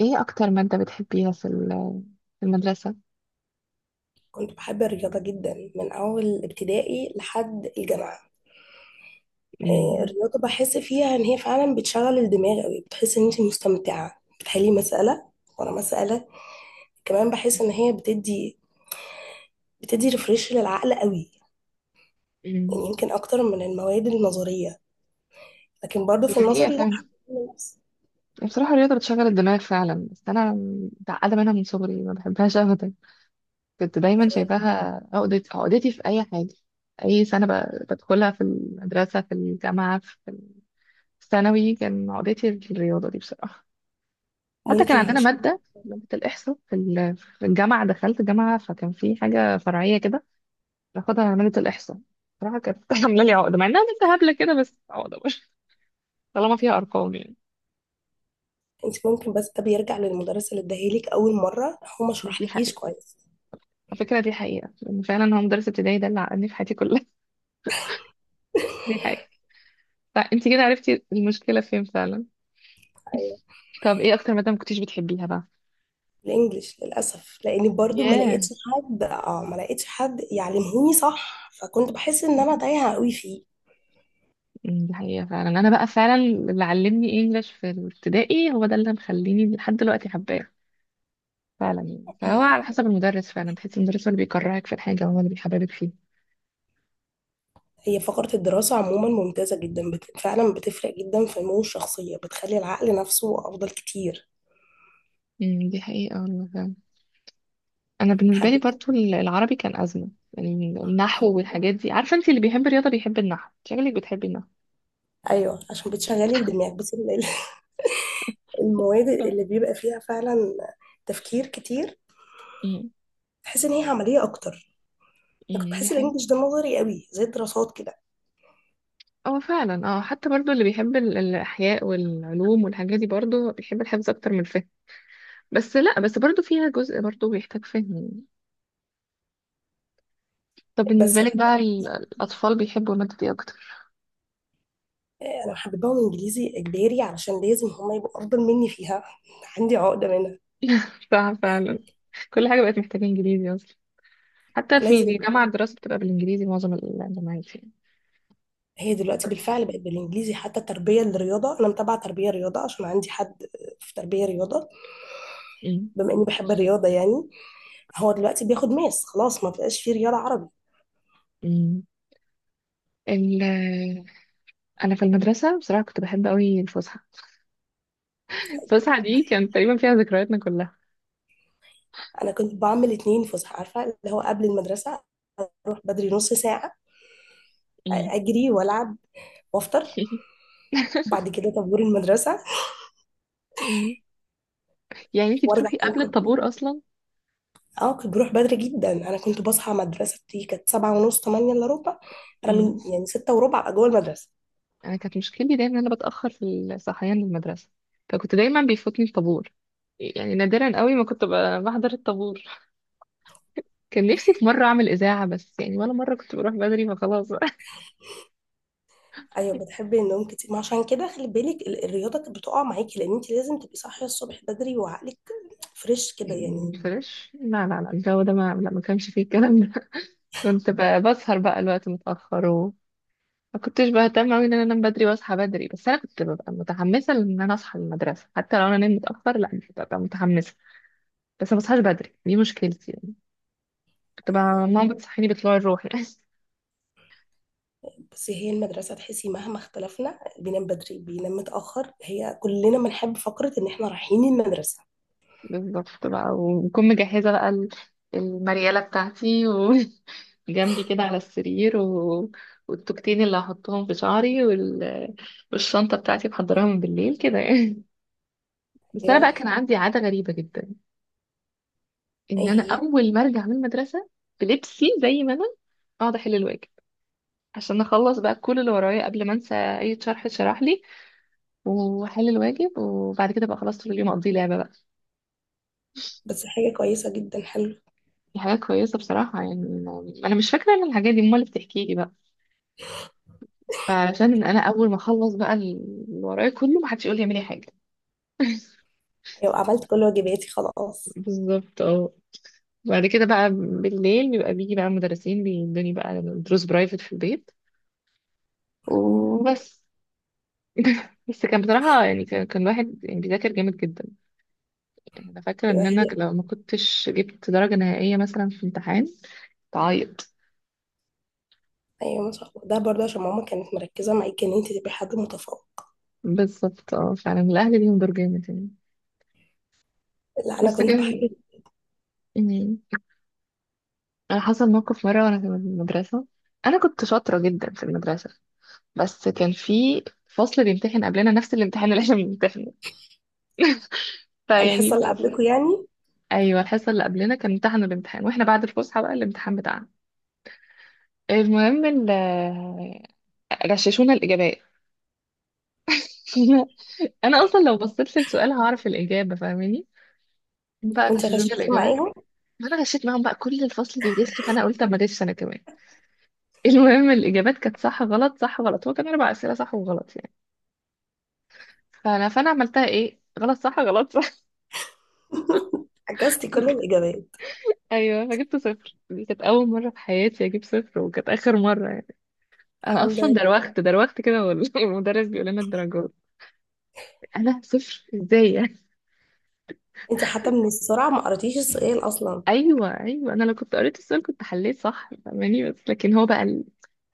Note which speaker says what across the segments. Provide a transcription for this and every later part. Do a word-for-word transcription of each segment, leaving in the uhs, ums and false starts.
Speaker 1: ايه اكتر مادة بتحبيها في ال- في المدرسة؟
Speaker 2: كنت بحب الرياضة جدا من أول ابتدائي لحد الجامعة. آه،
Speaker 1: امم
Speaker 2: الرياضة بحس فيها إن هي فعلا بتشغل الدماغ أوي، بتحس إن أنت مستمتعة بتحلي مسألة ورا مسألة. كمان بحس إن هي بتدي بتدي ريفريش للعقل أوي،
Speaker 1: امم
Speaker 2: يعني يمكن أكتر من المواد النظرية. لكن برضو في
Speaker 1: يعني هي
Speaker 2: النظري لأ
Speaker 1: فعلا
Speaker 2: حقيقي نفس.
Speaker 1: بصراحة الرياضة بتشغل الدماغ فعلا، بس انا متعقدة منها من صغري، ما بحبهاش ابدا. كنت دايما شايفاها عقدتي عقدتي في اي حاجة. اي سنة ب- بدخلها، في المدرسة، في الجامعة، في الثانوي، كان عقدتي الرياضة دي بصراحة. حتى كان
Speaker 2: ممكن
Speaker 1: عندنا
Speaker 2: علشان
Speaker 1: مادة مادة الإحصاء في ال- في الجامعة، دخلت جامعة فكان في حاجة فرعية كده باخدها عملية الإحصاء. صراحة كانت عاملة لي عقدة، مع إنها بنت هبلة كده، بس عقدة برضه طالما فيها أرقام يعني.
Speaker 2: أنت ممكن، بس ده بيرجع للمدرس اللي اداهالك أول مرة، هو ما
Speaker 1: دي
Speaker 2: شرحلكيش
Speaker 1: حقيقة.
Speaker 2: كويس.
Speaker 1: على فكرة دي حقيقة، لأن فعلا هو مدرس ابتدائي ده اللي عقدني في حياتي كلها. دي حقيقة. فأنت كده عرفتي المشكلة فين فعلا. طب إيه أكتر مادة ما كنتيش بتحبيها بقى؟
Speaker 2: الانجليش للاسف لاني برضو ما
Speaker 1: ياه.
Speaker 2: لقيتش حد اه ما لقيتش حد يعلمهوني صح، فكنت بحس ان انا تايهه قوي فيه.
Speaker 1: أمم، دي حقيقة فعلا. أنا بقى فعلا اللي علمني إنجلش في الابتدائي هو ده اللي مخليني لحد دلوقتي حباه فعلا يعني. فهو على حسب المدرس فعلا، تحسي المدرس هو اللي بيكرهك في الحاجة، هو اللي بيحببك فيه.
Speaker 2: هي فقرة الدراسة عموما ممتازة جدا، بت... فعلا بتفرق جدا في نمو الشخصية، بتخلي العقل نفسه أفضل كتير.
Speaker 1: أمم، دي حقيقة والله فعلا. انا بالنسبه لي
Speaker 2: حبيبتي.
Speaker 1: برضو ال- العربي كان ازمه يعني. النحو والحاجات دي، عارفه انت اللي بيحب الرياضه بيحب النحو، شكلك بتحبي النحو.
Speaker 2: أيوة، عشان بتشغلي الدماغ، بس ال- ال- المواد اللي بيبقى فيها فعلا تفكير كتير،
Speaker 1: امم.
Speaker 2: تحس إن هي عملية أكتر. أنا كنت
Speaker 1: أمم، دي
Speaker 2: بحس
Speaker 1: حقيقة.
Speaker 2: الإنجليش ده نظري قوي زي الدراسات كده.
Speaker 1: اه فعلا، اه حتى برضو اللي بيحب ال- الاحياء والعلوم والحاجات دي برضو بيحب الحفظ اكتر من الفهم. بس لا، بس برضو فيها جزء برضو بيحتاج فهم. طب
Speaker 2: بس
Speaker 1: بالنسبه لك بقى، ال- الاطفال بيحبوا الماده دي اكتر؟
Speaker 2: انا حببهم انجليزي اجباري علشان لازم هما يبقوا افضل مني فيها. عندي عقده منها.
Speaker 1: صح فعلا. كل حاجه بقت محتاجه انجليزي اصلا. حتى في
Speaker 2: لازم.
Speaker 1: الجامعه الدراسه بتبقى بالانجليزي معظم الجامعات يعني.
Speaker 2: هي دلوقتي بالفعل بقت بالانجليزي، حتى تربيه الرياضه، انا متابعه تربيه رياضه عشان عندي حد في تربيه رياضه.
Speaker 1: أمم،
Speaker 2: بما اني بحب الرياضه يعني. هو دلوقتي بياخد ماس، خلاص ما بقاش في رياضه عربي.
Speaker 1: أمم. ال انا في المدرسه بصراحه كنت بحب قوي الفسحه. الفسحه دي كانت تقريبا فيها ذكرياتنا كلها.
Speaker 2: انا كنت بعمل اتنين فسحه، عارفه، اللي هو قبل المدرسه اروح بدري نص ساعه،
Speaker 1: أمم.
Speaker 2: اجري والعب، وافطر، وبعد كده طابور المدرسه،
Speaker 1: أمم. يعني انتي
Speaker 2: وارجع
Speaker 1: بتروحي
Speaker 2: تاني.
Speaker 1: قبل الطابور اصلا.
Speaker 2: اه، كنت بروح بدري جدا. انا كنت بصحى، مدرستي كانت سبعة ونص تمانية الا ربع، انا من
Speaker 1: أمم.
Speaker 2: يعني ستة وربع ابقى جوه المدرسة.
Speaker 1: انا كانت مشكلتي دايما ان انا بتاخر في الصحيان للمدرسه، فكنت دايما بيفوتني الطابور. يعني نادرا قوي ما كنت ب- بحضر الطابور. كان نفسي في مره اعمل اذاعه بس يعني، ولا مره كنت بروح بدري فخلاص بقى.
Speaker 2: ايوه، بتحبي النوم كتير، ما عشان كده خلي بالك، ال- الرياضة كانت بتقع معاكي لان انت لازم تبقي صاحية الصبح بدري، وعقلك فريش كده يعني.
Speaker 1: أمم. فريش؟ لا لا لا، الجو ده ما، لا ما كانش فيه الكلام ده. كنت ب- بسهر بقى الوقت متأخر. ما كنتش بهتم قوي ان انا انام بدري واصحى بدري، بس انا كنت ببقى متحمسه ان انا اصحى للمدرسه. حتى لو انا نمت متاخر لا كنت ببقى متحمسه، بس ما بصحاش بدري، دي مشكلتي يعني. كنت بقى ماما بتصحيني بطلوع الروح يعني.
Speaker 2: بس هي المدرسة، تحسي مهما اختلفنا بينام بدري بينام متأخر، هي كلنا بنحب فقرة ان احنا رايحين المدرسة.
Speaker 1: بالظبط بقى، وبكون مجهزه بقى ال- المرياله بتاعتي وجنبي كده على السرير، و... والتوكتين اللي هحطهم في شعري، وال... والشنطه بتاعتي محضراها من بالليل كده يعني. بس انا
Speaker 2: ايوه.
Speaker 1: بقى كان عندي عاده غريبه جدا، ان
Speaker 2: ايه
Speaker 1: انا
Speaker 2: هي؟
Speaker 1: اول ما ارجع من المدرسه بلبسي زي ما انا اقعد احل الواجب، عشان اخلص بقى كل اللي ورايا قبل ما انسى اي شرح اتشرح لي، واحل الواجب، وبعد كده بقى خلاص طول اليوم اقضيه لعبه بقى.
Speaker 2: بس حاجة كويسة جدا، حلو.
Speaker 1: دي حاجه كويسه بصراحه يعني. انا مش فاكره ان الحاجات دي، امال اللي بتحكي لي بقى. فعشان انا اول ما اخلص بقى اللي ورايا كله، ما حدش يقول لي اعملي حاجه.
Speaker 2: ايوه، عملت كل واجباتي خلاص.
Speaker 1: بالظبط اه. بعد كده بقى بالليل بيبقى بيجي بقى مدرسين بيدوني بقى دروس برايفت في البيت
Speaker 2: مم.
Speaker 1: وبس. بس كان بصراحه يعني، كان كان الواحد يعني بيذاكر جامد جدا. يعني انا فاكره
Speaker 2: ايوه
Speaker 1: ان انا
Speaker 2: هي.
Speaker 1: لو ما كنتش جبت درجه نهائيه مثلا في امتحان تعيط.
Speaker 2: ايوه ما شاء الله، ده برضه عشان ماما كانت مركزه معاكي ان انت تبقي حد متفوق.
Speaker 1: بالظبط اه، فعلا الاهل ليهم دور جامد يعني.
Speaker 2: لا انا
Speaker 1: بس
Speaker 2: كنت بحب.
Speaker 1: كان يعني، انا حصل موقف مره وانا في المدرسه. انا كنت شاطره جدا في المدرسه، بس كان في فصل بيمتحن قبلنا نفس الامتحان اللي احنا بنمتحنه.
Speaker 2: الحصه
Speaker 1: فيعني
Speaker 2: اللي قبلكم يعني.
Speaker 1: ايوه الحصه اللي قبلنا كان امتحنوا الامتحان، واحنا بعد الفسحه بقى الامتحان بتاعنا. المهم ال- غششونا الاجابات. انا اصلا لو بصيت للسؤال هعرف الاجابه، فاهماني؟ بقى
Speaker 2: وانت
Speaker 1: غششونا
Speaker 2: غششتي
Speaker 1: الإجابات.
Speaker 2: معاهم؟
Speaker 1: ما أنا غشيت معاهم بقى، كل الفصل بيغش، فأنا قلت أما أغش أنا كمان. المهم الإجابات كانت صح غلط صح غلط، هو كان أربع أسئلة صح وغلط يعني. فأنا فأنا عملتها إيه، غلط صح غلط صح.
Speaker 2: عكستي كل الاجابات.
Speaker 1: أيوه فجبت صفر. دي كانت أول مرة في حياتي أجيب صفر، وكانت آخر مرة يعني. أنا
Speaker 2: الحمد
Speaker 1: أصلا
Speaker 2: لله.
Speaker 1: دروخت دروخت كده، وال- والمدرس بيقول لنا الدرجات، أنا صفر إزاي يعني؟
Speaker 2: انت حتى من السرعه ما قريتيش السؤال اصلا.
Speaker 1: أيوه أيوه، أنا لو كنت قريت السؤال كنت حليت صح، فاهماني؟ بس لكن هو بقى ال-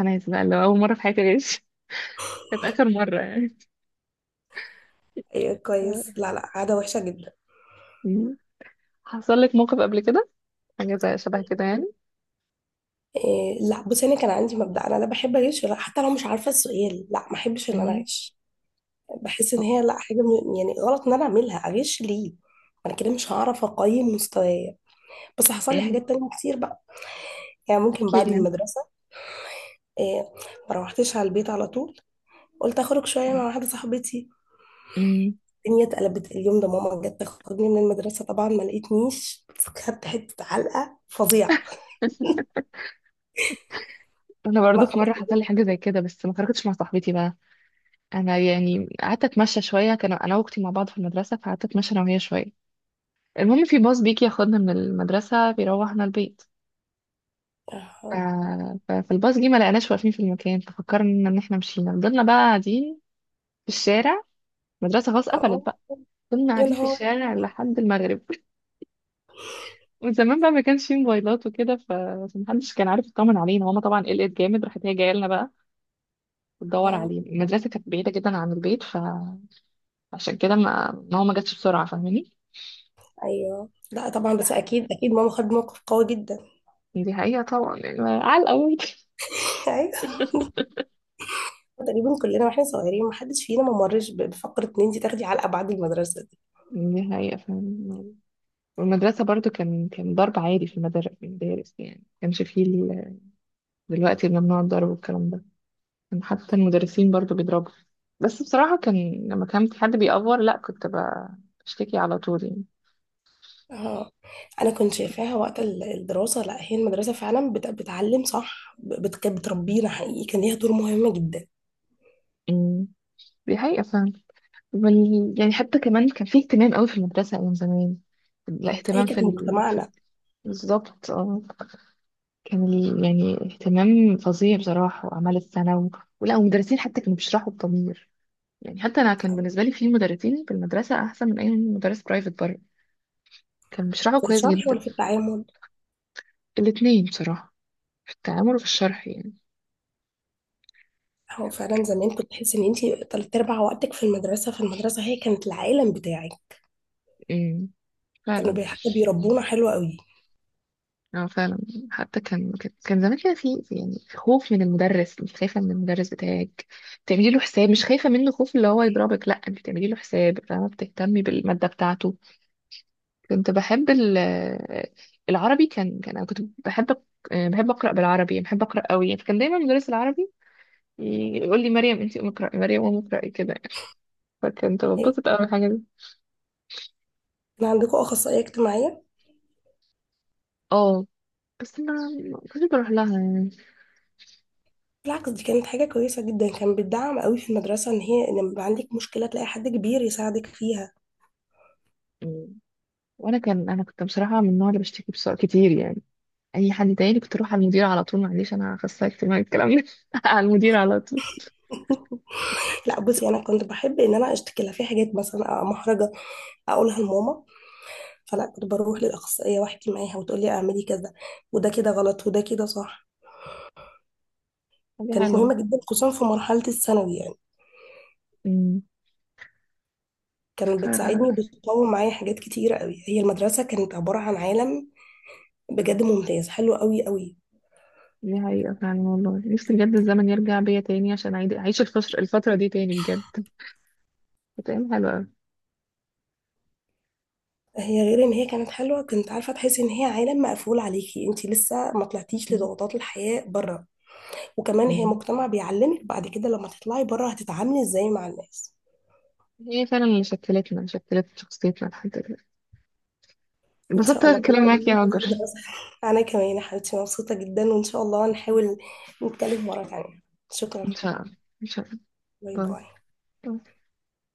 Speaker 1: أنا عايز بقى اللي هو أول مرة في حياتي أغش. كانت آخر مرة يعني.
Speaker 2: ايوه كويس، لا لا عاده وحشه جدا.
Speaker 1: حصل لك موقف قبل كده؟ حاجة زي شبه كده يعني.
Speaker 2: إيه، لا بصي، انا كان عندي مبدا، انا لا بحب اغش، ولا حتى لو مش عارفه السؤال لا ما احبش ان انا
Speaker 1: أمم،
Speaker 2: اغش. بحس ان هي لا حاجه، م- يعني غلط، ان انا اعملها، اغش ليه؟ انا كده مش هعرف اقيم مستوايا. بس حصل لي
Speaker 1: أمم،
Speaker 2: حاجات تانية كتير بقى، يعني ممكن
Speaker 1: احكي
Speaker 2: بعد
Speaker 1: لي.
Speaker 2: المدرسه. إيه. ما روحتش على البيت على طول، قلت اخرج شويه
Speaker 1: أمم،
Speaker 2: مع واحده صاحبتي.
Speaker 1: أمم.
Speaker 2: الدنيا اتقلبت اليوم ده، ماما جت تاخدني من المدرسه طبعا ما لقيتنيش، بس خدت حته علقه فظيعه.
Speaker 1: انا برضو
Speaker 2: ما
Speaker 1: في
Speaker 2: خلاص.
Speaker 1: مره حصل لي حاجه زي كده، بس ما خرجتش مع صاحبتي بقى. انا يعني قعدت اتمشى شويه، كان انا واختي مع بعض في المدرسه، فقعدت اتمشى انا وهي شويه. المهم في باص بيجي ياخدنا من المدرسه بيروحنا البيت. ف...
Speaker 2: اه.
Speaker 1: ف- فالباص جه ما لقيناش واقفين في المكان، ففكرنا ان احنا مشينا، فضلنا بقى قاعدين في الشارع. المدرسه خلاص قفلت
Speaker 2: آه.
Speaker 1: بقى. فضلنا
Speaker 2: يا
Speaker 1: قاعدين في
Speaker 2: نهار.
Speaker 1: الشارع لحد المغرب. وزمان بقى ما كانش فيه موبايلات وكده، ف- فمحدش كان عارف يطمن علينا. ماما طبعا قلقت جامد، راحت هي جايه لنا بقى وتدور
Speaker 2: اه.
Speaker 1: علينا. المدرسه كانت بعيده جدا عن البيت، فعشان كده ما ماما ما جاتش بسرعه، فاهماني؟
Speaker 2: ايوه لا طبعا، بس اكيد اكيد ماما خدت موقف قوي جدا.
Speaker 1: دي حقيقه طبعا يعني على الاول.
Speaker 2: ايوه. تقريبا كلنا واحنا صغيرين ما حدش فينا ما مرش بفقره ان انت تاخدي علقه بعد المدرسه.
Speaker 1: دي حقيقه فاهم. والمدرسه برضو كان كان ضرب عادي في المدار- في المدارس يعني. ما كانش فيه ال- دلوقتي ممنوع الضرب والكلام ده، كان حتى المدرسين برضو بيضربوا. بس بصراحه كان لما كان في حد بيأفور لا كنت ب- بشتكي على طول يعني.
Speaker 2: اه. انا كنت شايفاها وقت ال- الدراسه، لا هي المدرسه فعلا بت- بتعلم صح، ب- بت- كانت بتربينا حقيقي، كان ليها دور مهم جدا.
Speaker 1: أمم. دي حقيقة فعلا. وال... يعني حتى كمان كان في اهتمام قوي في المدرسة أيام زمان.
Speaker 2: هي
Speaker 1: الاهتمام في
Speaker 2: كانت
Speaker 1: ال... في ال-
Speaker 2: مجتمعنا.
Speaker 1: بالظبط اه. كان ال... يعني اهتمام فظيع بصراحة، وأعمال السنة، و... ولا ومدرسين حتى كانوا بيشرحوا بضمير يعني. حتى أنا كان بالنسبة لي في مدرسين في المدرسة أحسن من أي مدرس برايفت بره، كان بيشرحوا
Speaker 2: في
Speaker 1: كويس
Speaker 2: الشرح
Speaker 1: جدا.
Speaker 2: ولا في التعامل؟
Speaker 1: الاتنين بصراحة، في التعامل وفي الشرح يعني.
Speaker 2: هو فعلا زمان كنت تحس ان انت تلات ارباع وقتك في المدرسه، في المدرسه هي كانت العالم بتاعك.
Speaker 1: امم
Speaker 2: كانوا
Speaker 1: فعلا،
Speaker 2: بي- حتى بيربونا حلو قوي.
Speaker 1: اه فعلا. حتى كان كان كان زمان كده في في- يعني خوف من المدرس، مش خايفه من المدرس بتاعك، بتعملي له حساب، مش خايفه منه خوف اللي هو يضربك، لا انت بتعملي له حساب، فاهمه؟ بتهتمي بالماده بتاعته. كنت بحب ال- آه، العربي كان كان انا كنت بحب أق- آه، بحب اقرا بالعربي يعني، بحب اقرا قوي، فكان دايما مدرس العربي يقول لي مريم انت قومي اقراي، مريم قومي اقراي كده يعني. فكنت
Speaker 2: يعني
Speaker 1: بتبسط قوي من الحاجه دي.
Speaker 2: كان عندكم اخصائيه اجتماعيه؟
Speaker 1: اه بس ما ما كنتش بروح لها يعني.
Speaker 2: بالعكس دي كانت حاجه كويسه جدا، كان بتدعم قوي في المدرسه، ان هي لما يبقى عندك مشكله تلاقي حد كبير يساعدك فيها.
Speaker 1: مم. وانا كان انا كنت بصراحه من النوع اللي بشتكي بسرعه كتير يعني. اي حد تاني كنت اروح على المدير على طول، معلش انا اخصائي اجتماعي الكلام ده. على المدير على طول.
Speaker 2: لا بصي، انا كنت بحب ان انا اشتكي لها في حاجات مثلا محرجه اقولها لماما، فلا كنت بروح للاخصائيه واحكي معاها وتقول لي اعملي كذا، وده كده غلط وده كده صح.
Speaker 1: حاجه
Speaker 2: كانت
Speaker 1: حلوه.
Speaker 2: مهمه جدا خصوصا في مرحله الثانوي يعني.
Speaker 1: امم.
Speaker 2: كانت
Speaker 1: ف-
Speaker 2: بتساعدني وبتطور معايا حاجات كتيره قوي. هي المدرسه كانت عباره عن عالم بجد ممتاز، حلو قوي قوي.
Speaker 1: دي حقيقه فعلا والله، نفسي بجد الزمن يرجع بيا تاني عشان أعيد- اعيش الفتره الفتره دي تاني بجد. كانت ايام حلوه أوي.
Speaker 2: هي غير ان هي كانت حلوه، كنت عارفه، تحسي ان هي عالم مقفول عليكي، انت لسه ما طلعتيش
Speaker 1: أمم.
Speaker 2: لضغوطات الحياه بره. وكمان هي
Speaker 1: أمم.
Speaker 2: مجتمع بيعلمك بعد كده لما تطلعي بره هتتعاملي ازاي مع الناس.
Speaker 1: هي فعلا اللي شكلتنا، شكلت شخصيتنا لحد دلوقتي.
Speaker 2: ان
Speaker 1: انبسطت
Speaker 2: شاء الله باذن
Speaker 1: الكلام معاك يا
Speaker 2: الله في
Speaker 1: هاجر.
Speaker 2: دراسه. انا كمان يا حبيبتي مبسوطه جدا، وان شاء الله نحاول نتكلم مره تانية.
Speaker 1: ان
Speaker 2: شكرا.
Speaker 1: شاء الله. ان شاء الله.
Speaker 2: باي باي.
Speaker 1: باي.